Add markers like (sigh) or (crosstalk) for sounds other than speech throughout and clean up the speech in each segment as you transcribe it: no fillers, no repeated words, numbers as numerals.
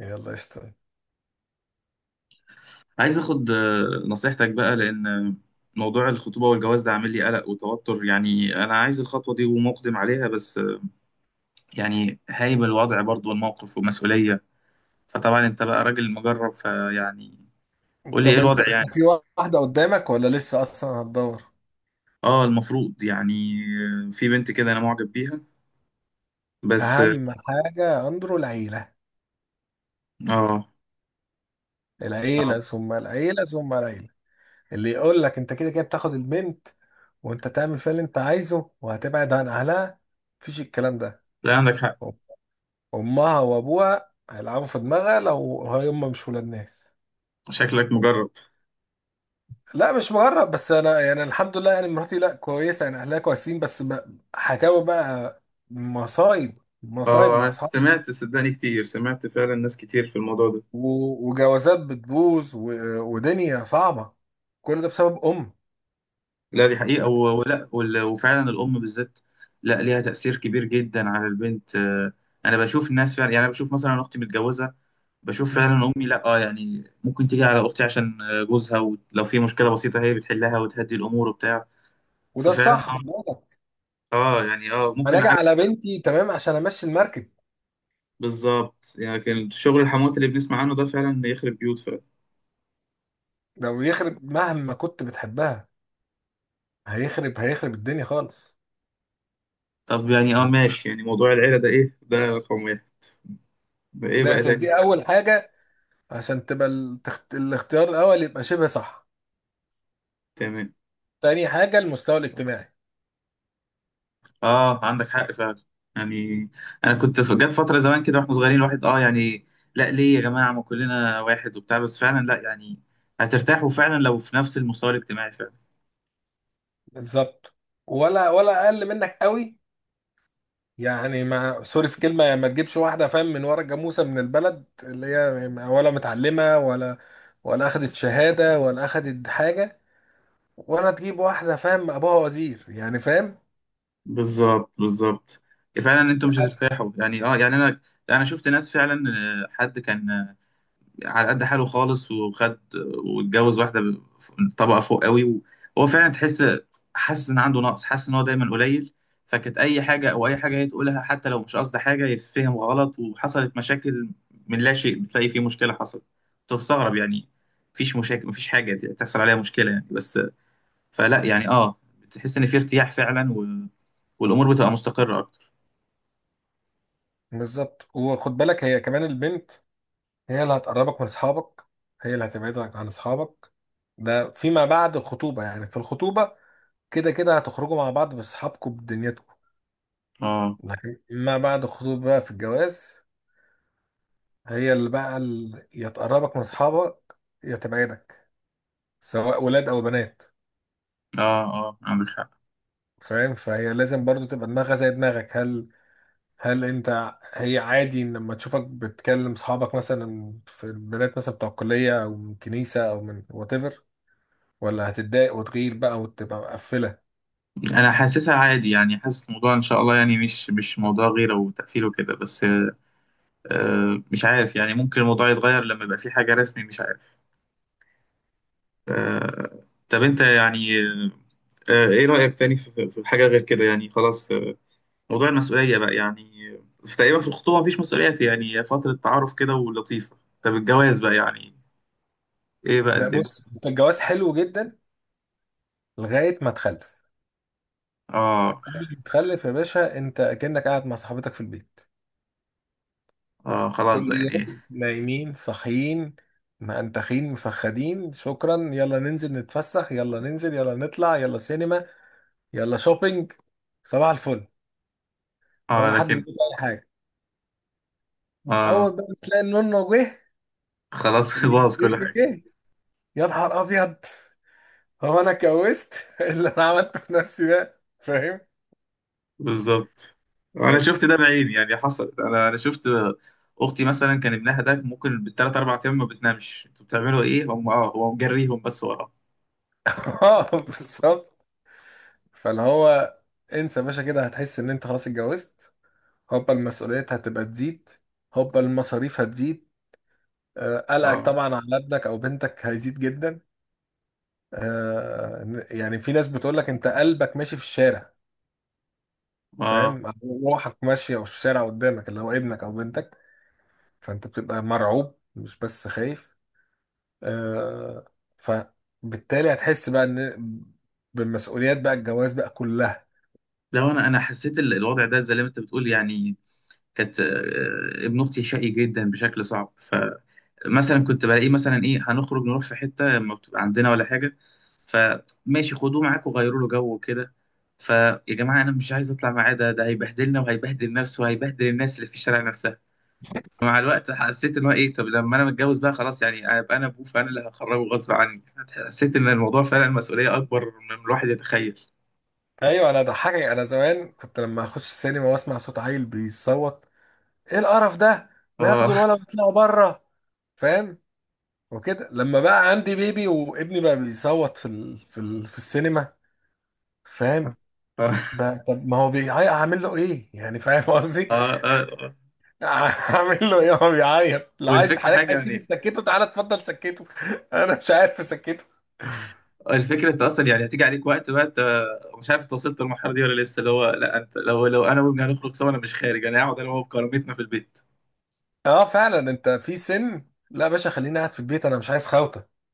يلا قشطة. عايز اخد نصيحتك بقى لان موضوع الخطوبة والجواز ده عامل لي قلق وتوتر يعني انا عايز الخطوة دي ومقدم عليها بس يعني هايب الوضع برضو والموقف ومسؤولية. فطبعا انت بقى راجل مجرب فيعني قول لي ايه طب انت الوضع انت يعني. في واحدة قدامك ولا لسه اصلا هتدور؟ اه المفروض يعني. في بنت كده انا معجب بيها بس اه. اهم حاجة اندرو العيلة. اه. آه. العيلة ثم العيلة ثم العيلة. اللي يقول لك انت كده كده بتاخد البنت وانت تعمل فيها اللي انت عايزه وهتبعد عن اهلها، مفيش الكلام ده. لا عندك حق. امها وابوها هيلعبوا في دماغها لو هم مش ولاد ناس. شكلك مجرب. لا مش مغرب، بس انا يعني الحمد لله، يعني مراتي لا كويسه يعني، اهلها كويسين، بس حكاوي بقى. مصايب، مصايب اه مع انا اصحابي. سمعت صدقني كتير سمعت فعلا ناس كتير في الموضوع ده. وجوازات بتبوظ، ودنيا صعبة. كل ده بسبب أم. لا دي حقيقة ف... وفعلا الأم بالذات. لا ليها تأثير كبير جدا على البنت. أنا بشوف الناس فعلا يعني أنا بشوف مثلا أختي متجوزة. بشوف مم. فعلا أمي لا آه يعني ممكن تيجي على أختي عشان جوزها ولو في مشكلة بسيطة هي بتحلها وتهدي الأمور وبتاع. وده ففعلا الصح، خد بالك. يعني أنا ممكن أجي عارف. على بنتي تمام عشان أمشي المركب. بالظبط يعني لكن شغل الحموات اللي بنسمع عنه ده فعلا يخرب بيوت فعلا. لو يخرب، مهما كنت بتحبها، هيخرب، هيخرب الدنيا خالص. طب يعني فده ماشي يعني موضوع العيلة ده إيه، ده رقم واحد. ده إيه بقى أساس، تاني؟ دي أول حاجة عشان تبقى الاختيار الأول يبقى شبه صح. تمام. تاني حاجة المستوى الاجتماعي. اه عندك حق فعلا يعني. انا كنت جت فتره زمان كده واحنا صغيرين الواحد اه يعني لا ليه يا جماعه ما كلنا واحد وبتاع بس فعلا لا يعني هترتاحوا فعلا لو في نفس المستوى الاجتماعي فعلا. بالظبط، ولا أقل منك قوي، يعني ما سوري في كلمة، ما تجيبش واحدة فاهم من ورا الجاموسة من البلد اللي هي ولا متعلمة ولا ولا أخدت شهادة ولا أخدت حاجة، ولا تجيب واحدة فاهم أبوها وزير يعني، فاهم؟ بالظبط فعلا انتم مش حت- هترتاحوا يعني اه يعني انا شفت ناس فعلا. حد كان على قد حاله خالص وخد واتجوز واحدة طبقة فوق قوي وهو فعلا تحس حاسس إن عنده نقص حاسس إن هو دايما قليل. فكانت أي حاجة أو أي حاجة هي تقولها حتى لو مش قصد حاجة يتفهم غلط وحصلت مشاكل من لا شيء، بتلاقي في مشكلة حصلت تستغرب يعني. مفيش مشاكل مفيش حاجة تحصل عليها مشكلة يعني بس فلا يعني اه بتحس إن في ارتياح فعلا، والأمور بتبقى مستقرة أكتر. بالظبط وخد بالك، هي كمان البنت، هي اللي هتقربك من أصحابك، هي اللي هتبعدك عن أصحابك. ده فيما بعد الخطوبة، يعني في الخطوبة كده كده هتخرجوا مع بعض بأصحابكم بدنيتكم، اه لكن ما بعد الخطوبة بقى، في الجواز، هي اللي بقى يا تقربك من اصحابك يا تبعدك، سواء ولاد او بنات. اه. اه عندك حق. فاهم؟ فهي لازم برضو تبقى دماغها زي دماغك. هل انت هي عادي ان لما تشوفك بتكلم اصحابك مثلا في البنات، مثلا بتوع الكليه او من كنيسه او من وات ايفر، ولا هتتضايق وتغير بقى وتبقى مقفله؟ انا حاسسها عادي يعني حاسس الموضوع ان شاء الله يعني مش موضوع غيره وتأثير وكده بس مش عارف يعني ممكن الموضوع يتغير لما يبقى في حاجة رسمي مش عارف. طب انت يعني ايه رأيك تاني في حاجة غير كده يعني خلاص. موضوع المسؤولية بقى يعني في تقريبا في الخطوبة مفيش مسؤوليات يعني هي فترة تعارف كده ولطيفة. طب الجواز بقى يعني ايه بقى لا الدنيا؟ بص، أنت الجواز حلو جدا لغايه ما تخلف. اه. قبل ما تخلف يا باشا، انت كأنك قاعد مع صاحبتك في البيت. اه كل خلاص بقى يعني. يوم نايمين صاحيين، مأنتخين مفخدين، شكرا، يلا ننزل نتفسح، يلا ننزل، يلا نطلع، يلا سينما، يلا شوبينج، صباح الفل، اه ولا حد لكن. بيقول اي حاجه. اه اول بقى ما تلاقي النونو جه خلاص. (laughs) باظ كل والليل حاجة. جه، يا نهار ابيض. هو انا اتجوزت؟ (laughs) اللي انا عملته في نفسي ده، فاهم؟ بالظبط. انا بس. شفت ده بعيني يعني حصل انا شفت. اختي مثلا كان ابنها ده ممكن بالثلاث اربع ايام ما بتنامش، انتوا بتعملوا ايه؟ هم اه هو مجريهم بس وراه. (laughs) اه بالظبط. فاللي هو، انسى يا باشا كده، هتحس ان انت خلاص اتجوزت. هوبا المسؤوليات هتبقى تزيد، هوبا المصاريف هتزيد، آه، قلقك اه. طبعا على ابنك او بنتك هيزيد جدا. آه، يعني في ناس بتقول لك انت قلبك ماشي في الشارع، اه فاهم؟ أو روحك ماشيه في الشارع قدامك، اللي هو ابنك او بنتك. فانت بتبقى مرعوب مش بس خايف. آه، فبالتالي هتحس بقى ان بالمسؤوليات بقى الجواز بقى كلها. لو انا حسيت الوضع ده زي ما انت بتقول يعني. كانت ابن اختي شقي جدا بشكل صعب. فمثلا كنت بلاقيه مثلا ايه هنخرج نروح في حته ما بتبقى عندنا ولا حاجه فماشي خدوه معاكم وغيروا له جو وكده. فيا جماعه انا مش عايز اطلع معاه ده هيبهدلنا وهيبهدل نفسه وهيبهدل الناس اللي في الشارع نفسها. مع الوقت حسيت ان هو ايه، طب لما انا متجوز بقى خلاص يعني ابقى انا ابوه فانا اللي هخرجه غصب عني. حسيت ان الموضوع فعلا مسؤوليه اكبر من الواحد يتخيل. ايوه انا ضحكك، انا زمان كنت لما اخش السينما واسمع صوت عيل بيصوت، ايه القرف ده، ما ياخدوا اه. الولد ويطلعوا بره، فاهم؟ وكده لما بقى عندي بيبي وابني بقى بيصوت في في في السينما، فاهم؟ اه. بقى طب ما هو بيعيط هعمل له ايه، يعني فاهم قصدي؟ اه. اه. (laughs) هعمل له ايه، هو بيعيط، لو عايز والفكرة حضرتك حاجة عايز تيجي يعني، تسكته، تعالى اتفضل سكته، (laughs) انا مش عارف اسكته. الفكرة انت اصلا يعني هتيجي عليك وقت بقى انت مش عارف انت وصلت للمرحلة دي ولا لسه، اللي هو لا انت لو انا وابني هنخرج سوا انا مش خارج، انا هقعد انا وهو بكرامتنا في البيت. اه فعلا، انت في سن، لا يا باشا خليني قاعد في البيت، انا مش عايز خوته،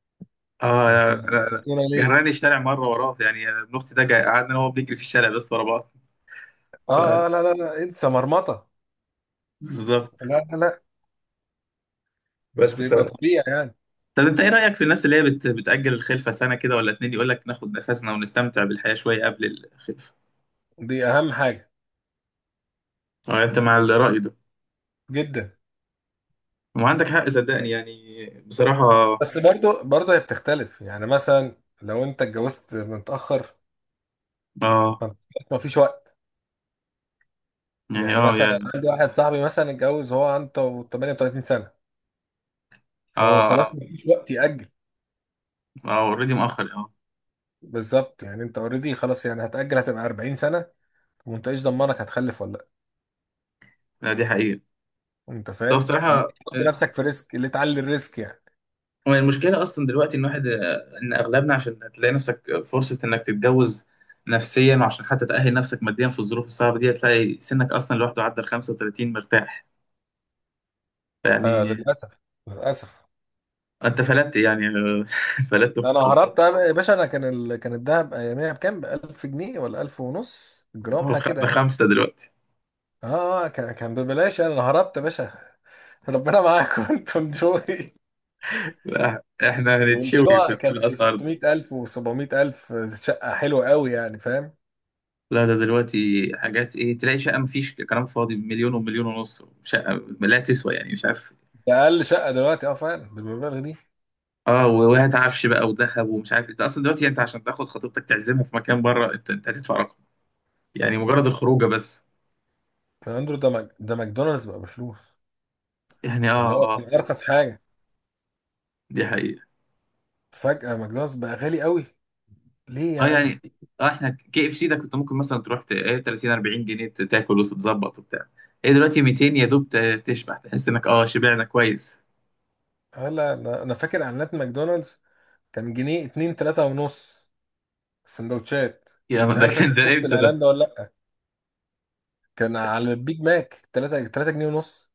اه. انتوا لا لا. بتسكتونا ليه؟ جراني الشارع مرة وراه يعني ابن اختي ده قعدنا انا وهو بنجري في الشارع بس ورا بعض ف- اه اه، لا لا لا انسى، مرمطه. بالظبط. لا لا لا، مش بس ف. بيبقى طبيعي يعني. طب انت ايه رأيك في الناس اللي هي بتأجل الخلفة سنة كده ولا اتنين، يقول لك ناخد نفسنا ونستمتع بالحياة شوية قبل الخلفة؟ دي اهم حاجه اه انت مع الرأي ده؟ جدا. ما عندك حق صدقني يعني بصراحة. بس برضه، برضه هي بتختلف، يعني مثلا لو انت اتجوزت متأخر، اه فانت ما فيش وقت. يعني يعني اه مثلا يا أنا عندي واحد صاحبي مثلا اتجوز، هو عنده 38 سنة، فهو خلاص اه ما فيش وقت يأجل. اه اوريدي مؤخر اه. بالظبط، يعني انت اوريدي خلاص، يعني هتأجل هتبقى 40 سنة، وما انتش ضمنك هتخلف ولا لا. لا دي حقيقة. انت طب فاهم ليه؟ بصراحة تحط نفسك في ريسك ليه، تعلي الريسك يعني؟ هو المشكلة أصلا دلوقتي إن واحد إن أغلبنا، عشان هتلاقي نفسك فرصة إنك تتجوز نفسيا وعشان حتى تأهل نفسك ماديا في الظروف الصعبة دي هتلاقي سنك أصلا لوحده عدى ال 35 مرتاح آه يعني. للأسف، للأسف. انت فلت يعني. (laughs) فلت انا في الخط. هربت يا باشا، انا كان كان الدهب اياميها بكام، ب 1000 جنيه ولا 1000 ونص جرام هو حاجه كده يعني. بخمسه دلوقتي. اه، آه، كان كان ببلاش يعني، انا هربت يا باشا. (laughs) ربنا معاكم انتوا انجوي. (laughs) لا، احنا هنتشوي والشقق في كان ب الاسعار دي. 600000 و700000، شقة حلوة قوي يعني، فاهم؟ لا ده دلوقتي حاجات ايه، تلاقي شقه مفيش كلام فاضي بمليون ومليون ونص شقه لا تسوى يعني مش عارف. ده أقل شقة دلوقتي اه فعلا بالمبالغ دي. اه وهات عفش بقى وذهب ومش عارف، انت اصلا دلوقتي انت عشان تاخد خطيبتك تعزمه في مكان بره انت هتدفع رقم يعني، مجرد الخروجه بس. يا أندرو ده ده ماكدونالدز بقى بفلوس، يعني اللي اه هو اه كان أرخص حاجة، دي حقيقة. فجأة ماكدونالدز بقى غالي قوي. ليه يا اه عم؟ يعني اه احنا KFC ده كنت ممكن مثلا تروح ايه 30 40 جنيه تاكل وتتظبط وبتاع. ايه دلوقتي 200 يا دوب تشبع تحس انك اه شبعنا كويس. هلا أنا فاكر إعلانات ماكدونالدز، كان جنيه اتنين تلاتة ونص سندوتشات. يا ما، مش ده عارف أنت كان ده شفت امتى ده؟ الإعلان ده ولا لأ؟ كان على البيج ماك تلاتة جنيه ونص.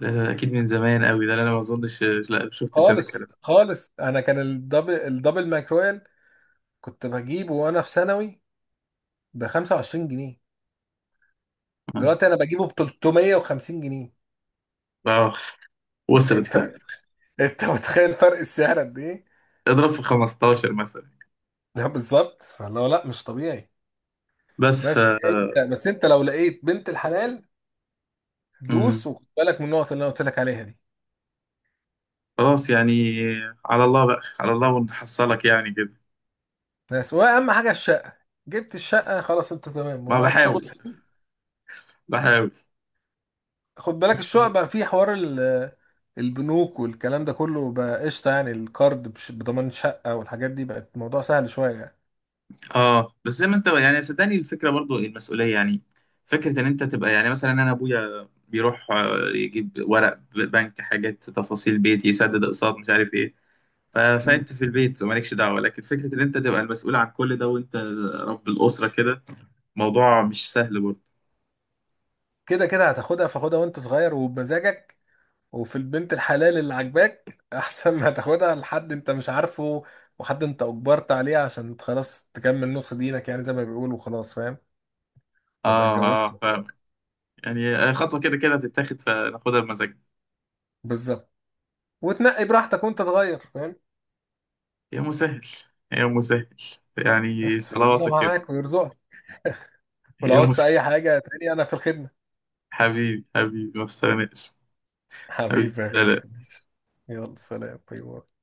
ده اكيد من زمان قوي ده، انا ما اظنش. لا ما شفتش انا الكلام خالص ده. خالص، انا كان الدبل ماكرويل كنت بجيبه وانا في ثانوي ب 25 جنيه، اه. دلوقتي انا بجيبه ب 350 جنيه. آه، (laughs) وصلت انت فعلا. انت متخيل فرق السعر قد ايه؟ اضرب في 15 مثلا. (laughs) ده بالظبط، فاللي هو لا مش طبيعي. بس بس ف. انت بس انت لو لقيت بنت الحلال، دوس مم. وخد بالك من النقط اللي انا قلت لك عليها دي. خلاص يعني، على الله بقى على الله ونحصلك يعني كده. بس واهم حاجه الشقه، جبت الشقه خلاص، انت تمام ما ومعاك بحاول. شغل. بحاول. خد بالك الشقق بقى فيه حوار البنوك والكلام ده كله بقى قشطه، يعني الكارد بضمان شقه والحاجات دي، بقت الموضوع سهل شويه يعني. اه بس زي ما انت يعني صدقني الفكره برضو المسؤوليه يعني، فكره ان انت تبقى يعني مثلا انا ابويا بيروح يجيب ورق بنك حاجات تفاصيل بيتي يسدد اقساط مش عارف ايه مم. فانت في البيت مالكش دعوه، لكن فكره ان انت تبقى المسؤول عن كل ده، وانت رب الاسره كده موضوع مش سهل برضو. كده كده هتاخدها، فاخدها وانت صغير وبمزاجك، وفي البنت الحلال اللي عاجباك، (laughs) احسن ما تاخدها لحد انت مش عارفه، وحد انت اجبرت عليه عشان خلاص تكمل نص دينك، يعني زي ما بيقولوا خلاص، فاهم؟ تبقى اه اتجوزت. اه فاهمك. يعني خطوه كده كده هتتاخد فناخدها بمزاجنا. بالظبط، وتنقي براحتك وانت صغير، فاهم؟ يا مسهل. يا مسهل. يعني بس ربنا صلواتك كده. معاك ويرزقك، ولو يا عوزت مسهل. اي حاجه تاني انا في الخدمه. حبيبي. حبيبي ما تستغناش. حبيبي حبيبي يا غالي، سلام. يلا سلام، باي باي.